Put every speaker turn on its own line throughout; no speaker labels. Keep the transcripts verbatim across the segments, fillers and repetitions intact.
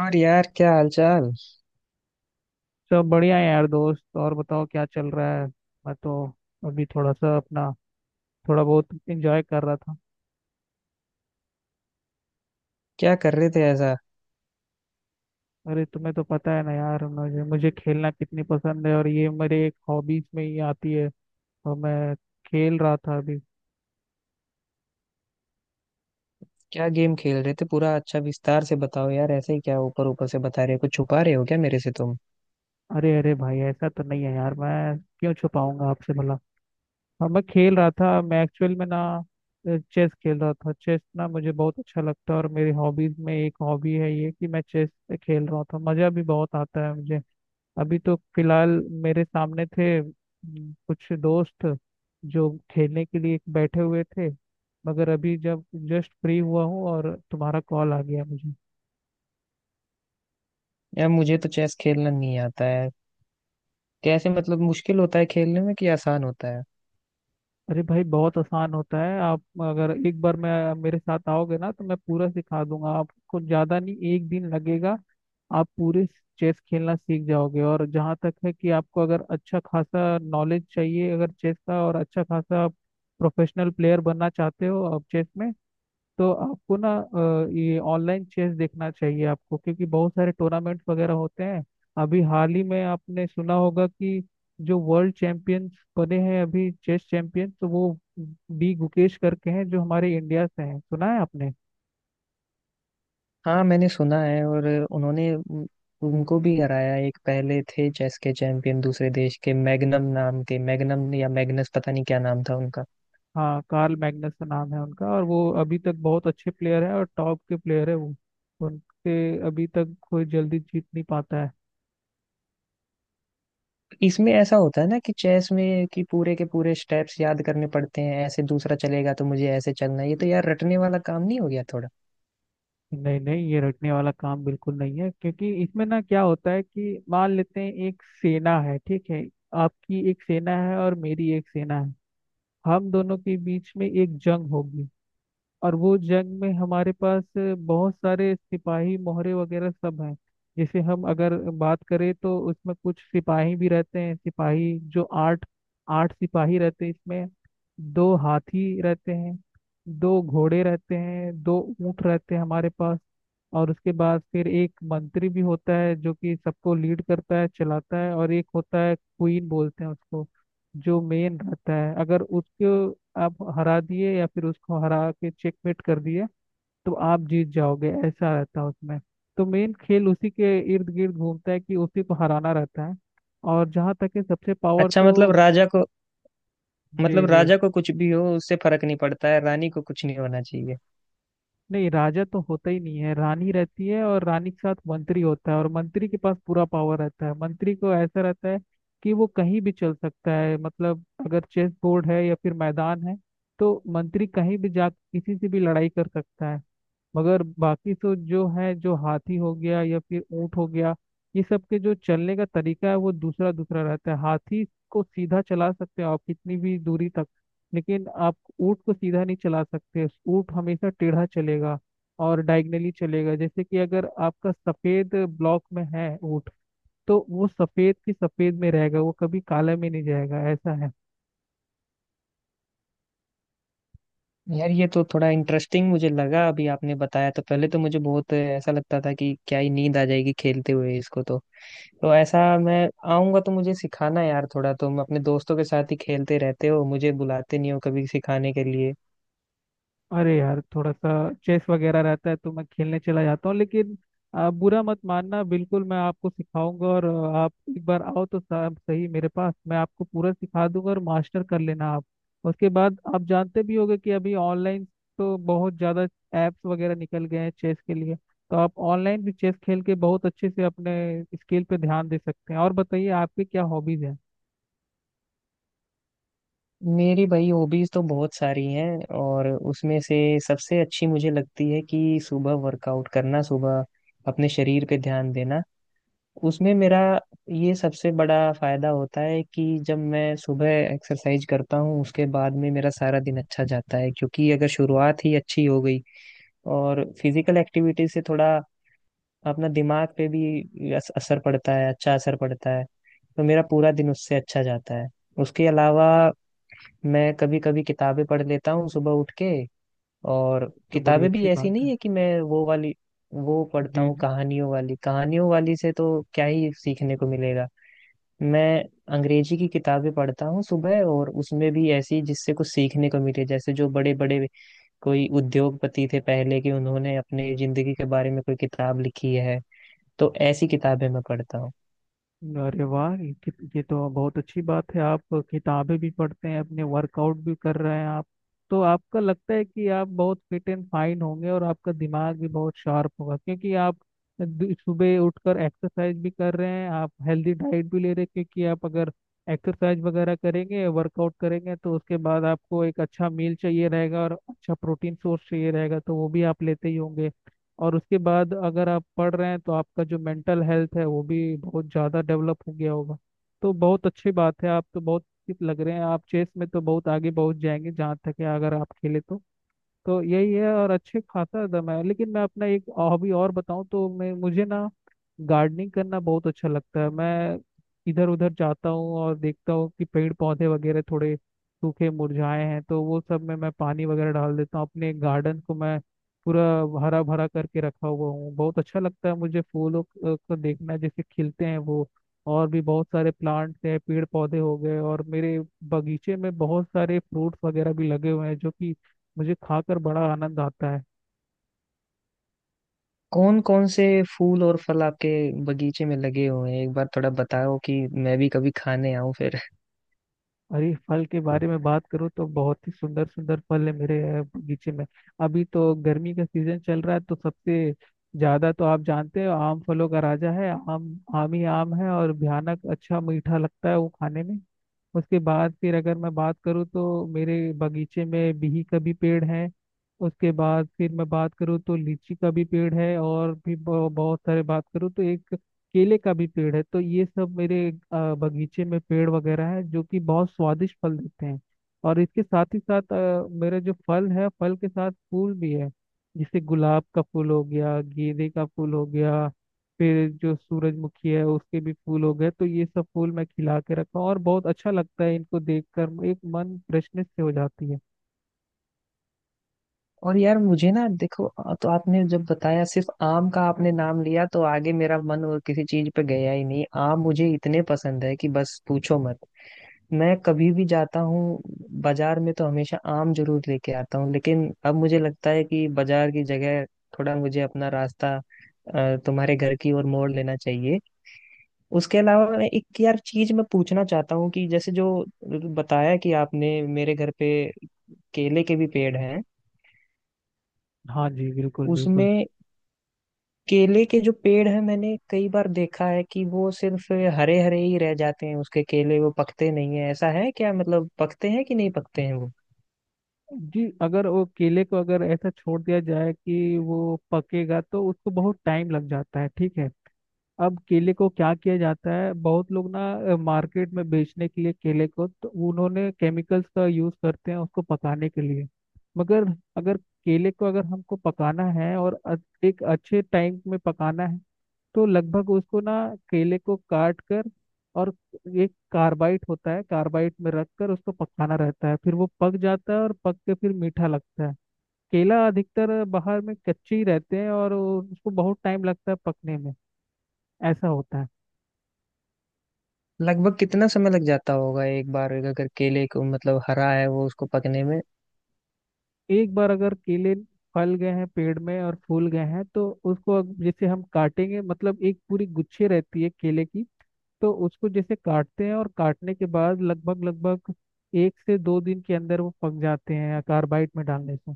और यार, क्या हालचाल?
सब बढ़िया है यार दोस्त। और बताओ क्या चल रहा है। मैं तो अभी थोड़ा सा अपना थोड़ा बहुत एंजॉय कर रहा था।
क्या कर रहे थे ऐसा?
अरे तुम्हें तो पता है ना यार मुझे मुझे खेलना कितनी पसंद है, और ये मेरे एक हॉबीज में ही आती है, और मैं खेल रहा था अभी।
क्या गेम खेल रहे थे? पूरा अच्छा विस्तार से बताओ यार। ऐसे ही क्या ऊपर ऊपर से बता रहे हो? कुछ छुपा रहे हो क्या मेरे से तुम?
अरे अरे भाई ऐसा तो नहीं है यार, मैं क्यों छुपाऊंगा आपसे भला। हाँ, मैं खेल रहा था। मैं एक्चुअल में ना चेस खेल रहा था। चेस ना मुझे बहुत अच्छा लगता है, और मेरी हॉबीज में एक हॉबी है ये कि मैं चेस खेल रहा था। मज़ा भी बहुत आता है मुझे। अभी तो फिलहाल मेरे सामने थे हम्म, कुछ दोस्त जो खेलने के लिए बैठे हुए थे, मगर अभी जब जस्ट फ्री हुआ हूँ और तुम्हारा कॉल आ गया मुझे।
यार, मुझे तो चेस खेलना नहीं आता है। कैसे, मतलब मुश्किल होता है खेलने में कि आसान होता है?
अरे भाई बहुत आसान होता है। आप अगर एक बार मैं मेरे साथ आओगे ना, तो मैं पूरा सिखा दूंगा आपको। ज़्यादा नहीं, एक दिन लगेगा, आप पूरे चेस खेलना सीख जाओगे। और जहाँ तक है कि आपको अगर अच्छा खासा नॉलेज चाहिए अगर चेस का, और अच्छा खासा प्रोफेशनल प्लेयर बनना चाहते हो आप चेस में, तो आपको ना अ, ये ऑनलाइन चेस देखना चाहिए आपको, क्योंकि बहुत सारे टूर्नामेंट वगैरह होते हैं। अभी हाल ही में आपने सुना होगा कि जो वर्ल्ड चैंपियन बने हैं अभी चेस चैंपियन, तो वो डी गुकेश करके हैं जो हमारे इंडिया से हैं। सुना है आपने।
हाँ, मैंने सुना है। और उन्होंने उन- उनको भी हराया। एक पहले थे चेस के चैंपियन दूसरे देश के, मैग्नम नाम के, मैग्नम या मैग्नस, पता नहीं क्या नाम था उनका।
हाँ, कार्ल मैग्नस का नाम है उनका, और वो अभी तक बहुत अच्छे प्लेयर है और टॉप के प्लेयर है वो। उनके अभी तक कोई जल्दी जीत नहीं पाता है।
इसमें ऐसा होता है ना कि चेस में कि पूरे के पूरे स्टेप्स याद करने पड़ते हैं, ऐसे दूसरा चलेगा तो मुझे ऐसे चलना है। ये तो यार रटने वाला काम नहीं हो गया थोड़ा?
नहीं नहीं, ये रटने वाला काम बिल्कुल नहीं है। क्योंकि इसमें ना क्या होता है कि मान लेते हैं एक सेना है, ठीक है। आपकी एक सेना है और मेरी एक सेना है। हम दोनों के बीच में एक जंग होगी, और वो जंग में हमारे पास बहुत सारे सिपाही मोहरे वगैरह सब हैं। जैसे हम अगर बात करें, तो उसमें कुछ सिपाही भी रहते हैं। सिपाही जो आठ आठ सिपाही रहते हैं इसमें। दो हाथी रहते हैं, दो घोड़े रहते हैं, दो ऊंट रहते हैं हमारे पास। और उसके बाद फिर एक मंत्री भी होता है जो कि सबको लीड करता है, चलाता है। और एक होता है क्वीन बोलते हैं उसको, जो मेन रहता है। अगर उसको आप हरा दिए, या फिर उसको हरा के चेकमेट कर दिए, तो आप जीत जाओगे। ऐसा रहता है उसमें। तो मेन खेल उसी के इर्द गिर्द घूमता है, कि उसी को हराना रहता है। और जहाँ तक है सबसे पावर
अच्छा, मतलब
तो।
राजा को,
जी
मतलब
जी,
राजा को कुछ भी हो उससे फर्क नहीं पड़ता है, रानी को कुछ नहीं होना चाहिए?
नहीं राजा तो होता ही नहीं है। रानी रहती है, और रानी के साथ मंत्री होता है, और मंत्री के पास पूरा पावर रहता है। मंत्री को ऐसा रहता है कि वो कहीं भी चल सकता है। मतलब अगर चेस बोर्ड है या फिर मैदान है, तो मंत्री कहीं भी जा किसी से भी लड़ाई कर सकता है। मगर बाकी तो जो है, जो हाथी हो गया या फिर ऊंट हो गया, ये सब के जो चलने का तरीका है वो दूसरा दूसरा रहता है। हाथी को सीधा चला सकते हो आप कितनी भी दूरी तक, लेकिन आप ऊँट को सीधा नहीं चला सकते। ऊँट हमेशा टेढ़ा चलेगा और डायगनली चलेगा। जैसे कि अगर आपका सफेद ब्लॉक में है ऊँट, तो वो सफेद की सफेद में रहेगा, वो कभी काले में नहीं जाएगा। ऐसा है।
यार, ये तो थोड़ा इंटरेस्टिंग मुझे लगा अभी आपने बताया। तो पहले तो मुझे बहुत ऐसा लगता था कि क्या ही नींद आ जाएगी खेलते हुए इसको। तो तो ऐसा, मैं आऊंगा तो मुझे सिखाना यार। थोड़ा तुम अपने दोस्तों के साथ ही खेलते रहते हो, मुझे बुलाते नहीं हो कभी सिखाने के लिए।
अरे यार थोड़ा सा चेस वगैरह रहता है तो मैं खेलने चला जाता हूँ, लेकिन आ, बुरा मत मानना, बिल्कुल मैं आपको सिखाऊंगा। और आ, आप एक बार आओ तो साहब सही मेरे पास, मैं आपको पूरा सिखा दूंगा, और मास्टर कर लेना आप। उसके बाद आप जानते भी होंगे कि अभी ऑनलाइन तो बहुत ज़्यादा ऐप्स वगैरह निकल गए हैं चेस के लिए, तो आप ऑनलाइन भी चेस खेल के बहुत अच्छे से अपने स्किल पे ध्यान दे सकते हैं। और बताइए आपके क्या हॉबीज हैं।
मेरी भाई हॉबीज तो बहुत सारी हैं, और उसमें से सबसे अच्छी मुझे लगती है कि सुबह वर्कआउट करना, सुबह अपने शरीर पे ध्यान देना। उसमें मेरा ये सबसे बड़ा फायदा होता है कि जब मैं सुबह एक्सरसाइज करता हूँ उसके बाद में मेरा सारा दिन अच्छा जाता है, क्योंकि अगर शुरुआत ही अच्छी हो गई और फिजिकल एक्टिविटी से थोड़ा अपना दिमाग पे भी अस- असर पड़ता है, अच्छा असर पड़ता है, तो मेरा पूरा दिन उससे अच्छा जाता है। उसके अलावा मैं कभी कभी किताबें पढ़ लेता हूँ सुबह उठ के। और
तो बड़ी
किताबें भी
अच्छी
ऐसी
बात
नहीं
है।
है कि मैं वो वाली, वो पढ़ता हूँ
जी।
कहानियों वाली। कहानियों वाली से तो क्या ही सीखने को मिलेगा। मैं अंग्रेजी की किताबें पढ़ता हूँ सुबह, और उसमें भी ऐसी जिससे कुछ सीखने को मिले। जैसे जो बड़े बड़े कोई उद्योगपति थे पहले के, उन्होंने अपने जिंदगी के बारे में कोई किताब लिखी है, तो ऐसी किताबें मैं पढ़ता हूँ।
अरे वाह, ये ये तो बहुत अच्छी बात है। आप किताबें भी पढ़ते हैं, अपने वर्कआउट भी कर रहे हैं आप। तो आपका लगता है कि आप बहुत फिट एंड फाइन होंगे, और आपका दिमाग भी बहुत शार्प होगा, क्योंकि आप दु- सुबह उठकर एक्सरसाइज भी कर रहे हैं, आप हेल्दी डाइट भी ले रहे हैं। क्योंकि आप अगर एक्सरसाइज वगैरह करेंगे, वर्कआउट करेंगे, तो उसके बाद आपको एक अच्छा मील चाहिए रहेगा और अच्छा प्रोटीन सोर्स चाहिए रहेगा, तो वो भी आप लेते ही होंगे। और उसके बाद अगर आप पढ़ रहे हैं, तो आपका जो मेंटल हेल्थ है वो भी बहुत ज़्यादा डेवलप हो गया होगा। तो बहुत अच्छी बात है, आप तो बहुत fit लग रहे हैं। आप चेस में तो बहुत आगे पहुंच जाएंगे जहाँ तक है, अगर आप खेले तो। तो यही है। और अच्छे खाता था मैं। लेकिन मैं अपना एक हॉबी और बताऊं तो मैं, मुझे ना गार्डनिंग करना बहुत अच्छा लगता है। मैं इधर उधर जाता हूँ और देखता हूँ कि पेड़ पौधे वगैरह थोड़े सूखे मुरझाए हैं, तो वो सब में मैं पानी वगैरह डाल देता हूँ। अपने गार्डन को मैं पूरा हरा भरा करके रखा हुआ हूँ। बहुत अच्छा लगता है मुझे फूलों को को देखना जैसे खिलते हैं वो। और भी बहुत सारे प्लांट्स हैं, पेड़ पौधे हो गए, और मेरे बगीचे में बहुत सारे फ्रूट्स वगैरह भी लगे हुए हैं जो कि मुझे खाकर बड़ा आनंद आता है।
कौन कौन से फूल और फल आपके बगीचे में लगे हुए हैं, एक बार थोड़ा बताओ कि मैं भी कभी खाने आऊं फिर।
और ये फल के बारे में बात करूँ तो बहुत ही सुंदर सुंदर फल है मेरे अ, बगीचे में। अभी तो गर्मी का सीजन चल रहा है, तो सबसे ज्यादा तो आप जानते हो आम फलों का राजा है। आम आम ही आम है, और भयानक अच्छा मीठा लगता है वो खाने में। उसके बाद फिर अगर मैं बात करूँ, तो मेरे बगीचे में बिही का भी पेड़ है। उसके बाद फिर मैं बात करूँ तो लीची का भी पेड़ है। और भी बहु- बहुत सारे बात करूँ तो एक केले का भी पेड़ है। तो ये सब मेरे अ, बगीचे में पेड़ वगैरह है जो कि बहुत स्वादिष्ट फल देते हैं। और इसके साथ ही साथ अ, मेरे जो फल है, फल के साथ फूल भी है। जैसे गुलाब का फूल हो गया, गेंदे का फूल हो गया, फिर जो सूरजमुखी है उसके भी फूल हो गए। तो ये सब फूल मैं खिला के रखा हूँ, और बहुत अच्छा लगता है इनको देखकर, एक मन फ्रेशनेस से हो जाती है।
और यार, मुझे ना देखो, आ- तो आपने जब बताया सिर्फ आम का आपने नाम लिया तो आगे मेरा मन और किसी चीज पे गया ही नहीं। आम मुझे इतने पसंद है कि बस पूछो मत। मैं कभी भी जाता हूँ बाजार में तो हमेशा आम जरूर लेके आता हूँ, लेकिन अब मुझे लगता है कि बाजार की जगह थोड़ा मुझे अपना रास्ता अ, तुम्हारे घर की ओर मोड़ लेना चाहिए। उसके अलावा मैं एक यार चीज मैं पूछना चाहता हूँ कि जैसे जो बताया कि आपने मेरे घर पे केले के भी पेड़ हैं।
हाँ जी, बिल्कुल बिल्कुल।
उसमें केले के जो पेड़ है मैंने कई बार देखा है कि वो सिर्फ हरे हरे ही रह जाते हैं, उसके केले वो पकते नहीं है, ऐसा है क्या? मतलब पकते हैं कि नहीं पकते हैं वो?
जी, अगर वो केले को अगर ऐसा छोड़ दिया जाए कि वो पकेगा, तो उसको बहुत टाइम लग जाता है, ठीक है। अब केले को क्या किया जाता है, बहुत लोग ना मार्केट में बेचने के लिए केले को, तो उन्होंने केमिकल्स का यूज करते हैं उसको पकाने के लिए। मगर अगर केले को अगर हमको पकाना है, और अ- एक अच्छे टाइम में पकाना है, तो लगभग उसको ना केले को काट कर, और एक कार्बाइट होता है, कार्बाइट में रख कर उसको पकाना रहता है। फिर वो पक जाता है और पक के फिर मीठा लगता है। केला अधिकतर बाहर में कच्चे ही रहते हैं, और वो- उसको बहुत टाइम लगता है पकने में, ऐसा होता है।
लगभग कितना समय लग जाता होगा एक बार अगर केले को, मतलब हरा है वो, उसको पकने में?
एक बार अगर केले फल गए हैं पेड़ में और फूल गए हैं, तो उसको अग- जैसे हम काटेंगे, मतलब एक पूरी गुच्छे रहती है केले की, तो उसको जैसे काटते हैं, और काटने के बाद लगभग लगभग एक से दो दिन के अंदर वो पक जाते हैं कार्बाइड में डालने से।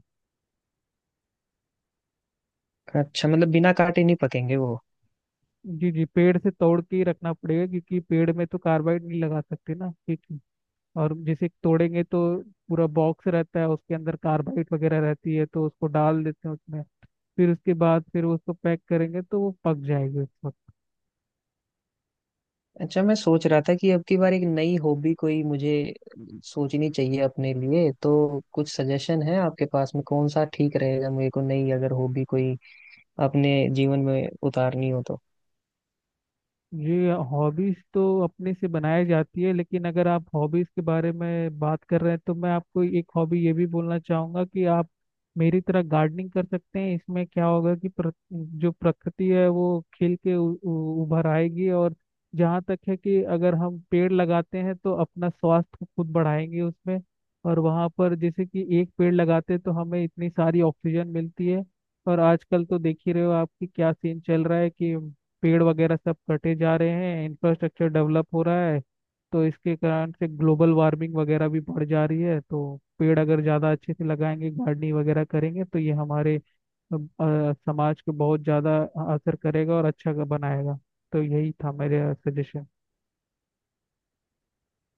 अच्छा, मतलब बिना काटे नहीं पकेंगे वो?
जी जी, पेड़ से तोड़ के ही रखना पड़ेगा, क्योंकि पेड़ में तो कार्बाइड नहीं लगा सकते ना, ठीक है। और जैसे तोड़ेंगे, तो पूरा बॉक्स रहता है, उसके अंदर कार्बाइड वगैरह रहती है, तो उसको डाल देते हैं उसमें। फिर उसके बाद फिर उसको पैक करेंगे, तो वो पक जाएगी उस वक्त।
अच्छा, मैं सोच रहा था कि अब की बार एक नई हॉबी कोई मुझे सोचनी चाहिए अपने लिए। तो कुछ सजेशन है आपके पास में कौन सा ठीक रहेगा मेरे को, नई अगर हॉबी कोई अपने जीवन में उतारनी हो तो?
जी, हॉबीज तो अपने से बनाई जाती है, लेकिन अगर आप हॉबीज के बारे में बात कर रहे हैं, तो मैं आपको एक हॉबी ये भी बोलना चाहूंगा कि आप मेरी तरह गार्डनिंग कर सकते हैं। इसमें क्या होगा कि प्र, जो प्रकृति है वो खिल के उ, उ, उभर आएगी। और जहाँ तक है कि अगर हम पेड़ लगाते हैं, तो अपना स्वास्थ्य को खुद बढ़ाएंगे उसमें। और वहाँ पर जैसे कि एक पेड़ लगाते हैं, तो हमें इतनी सारी ऑक्सीजन मिलती है। और आजकल तो देख ही रहे हो आपकी क्या सीन चल रहा है कि पेड़ वगैरह सब कटे जा रहे हैं, इंफ्रास्ट्रक्चर डेवलप हो रहा है, तो इसके कारण से ग्लोबल वार्मिंग वगैरह भी बढ़ जा रही है। तो पेड़ अगर ज़्यादा अच्छे से लगाएंगे, गार्डनिंग वगैरह करेंगे, तो ये हमारे अ, अ, समाज को बहुत ज़्यादा असर करेगा और अच्छा बनाएगा। तो यही था मेरा सजेशन।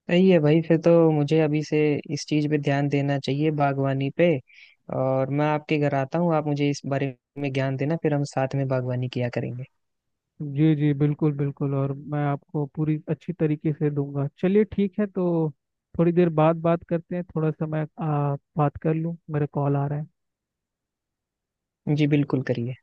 सही है भाई, फिर तो मुझे अभी से इस चीज पे ध्यान देना चाहिए, बागवानी पे। और मैं आपके घर आता हूँ, आप मुझे इस बारे में ज्ञान देना, फिर हम साथ में बागवानी किया करेंगे।
जी जी, बिल्कुल बिल्कुल, और मैं आपको पूरी अच्छी तरीके से दूंगा। चलिए ठीक है तो थोड़ी देर बाद बात करते हैं, थोड़ा सा मैं आ, बात कर लूँ, मेरा कॉल आ रहा है।
जी, बिल्कुल करिए।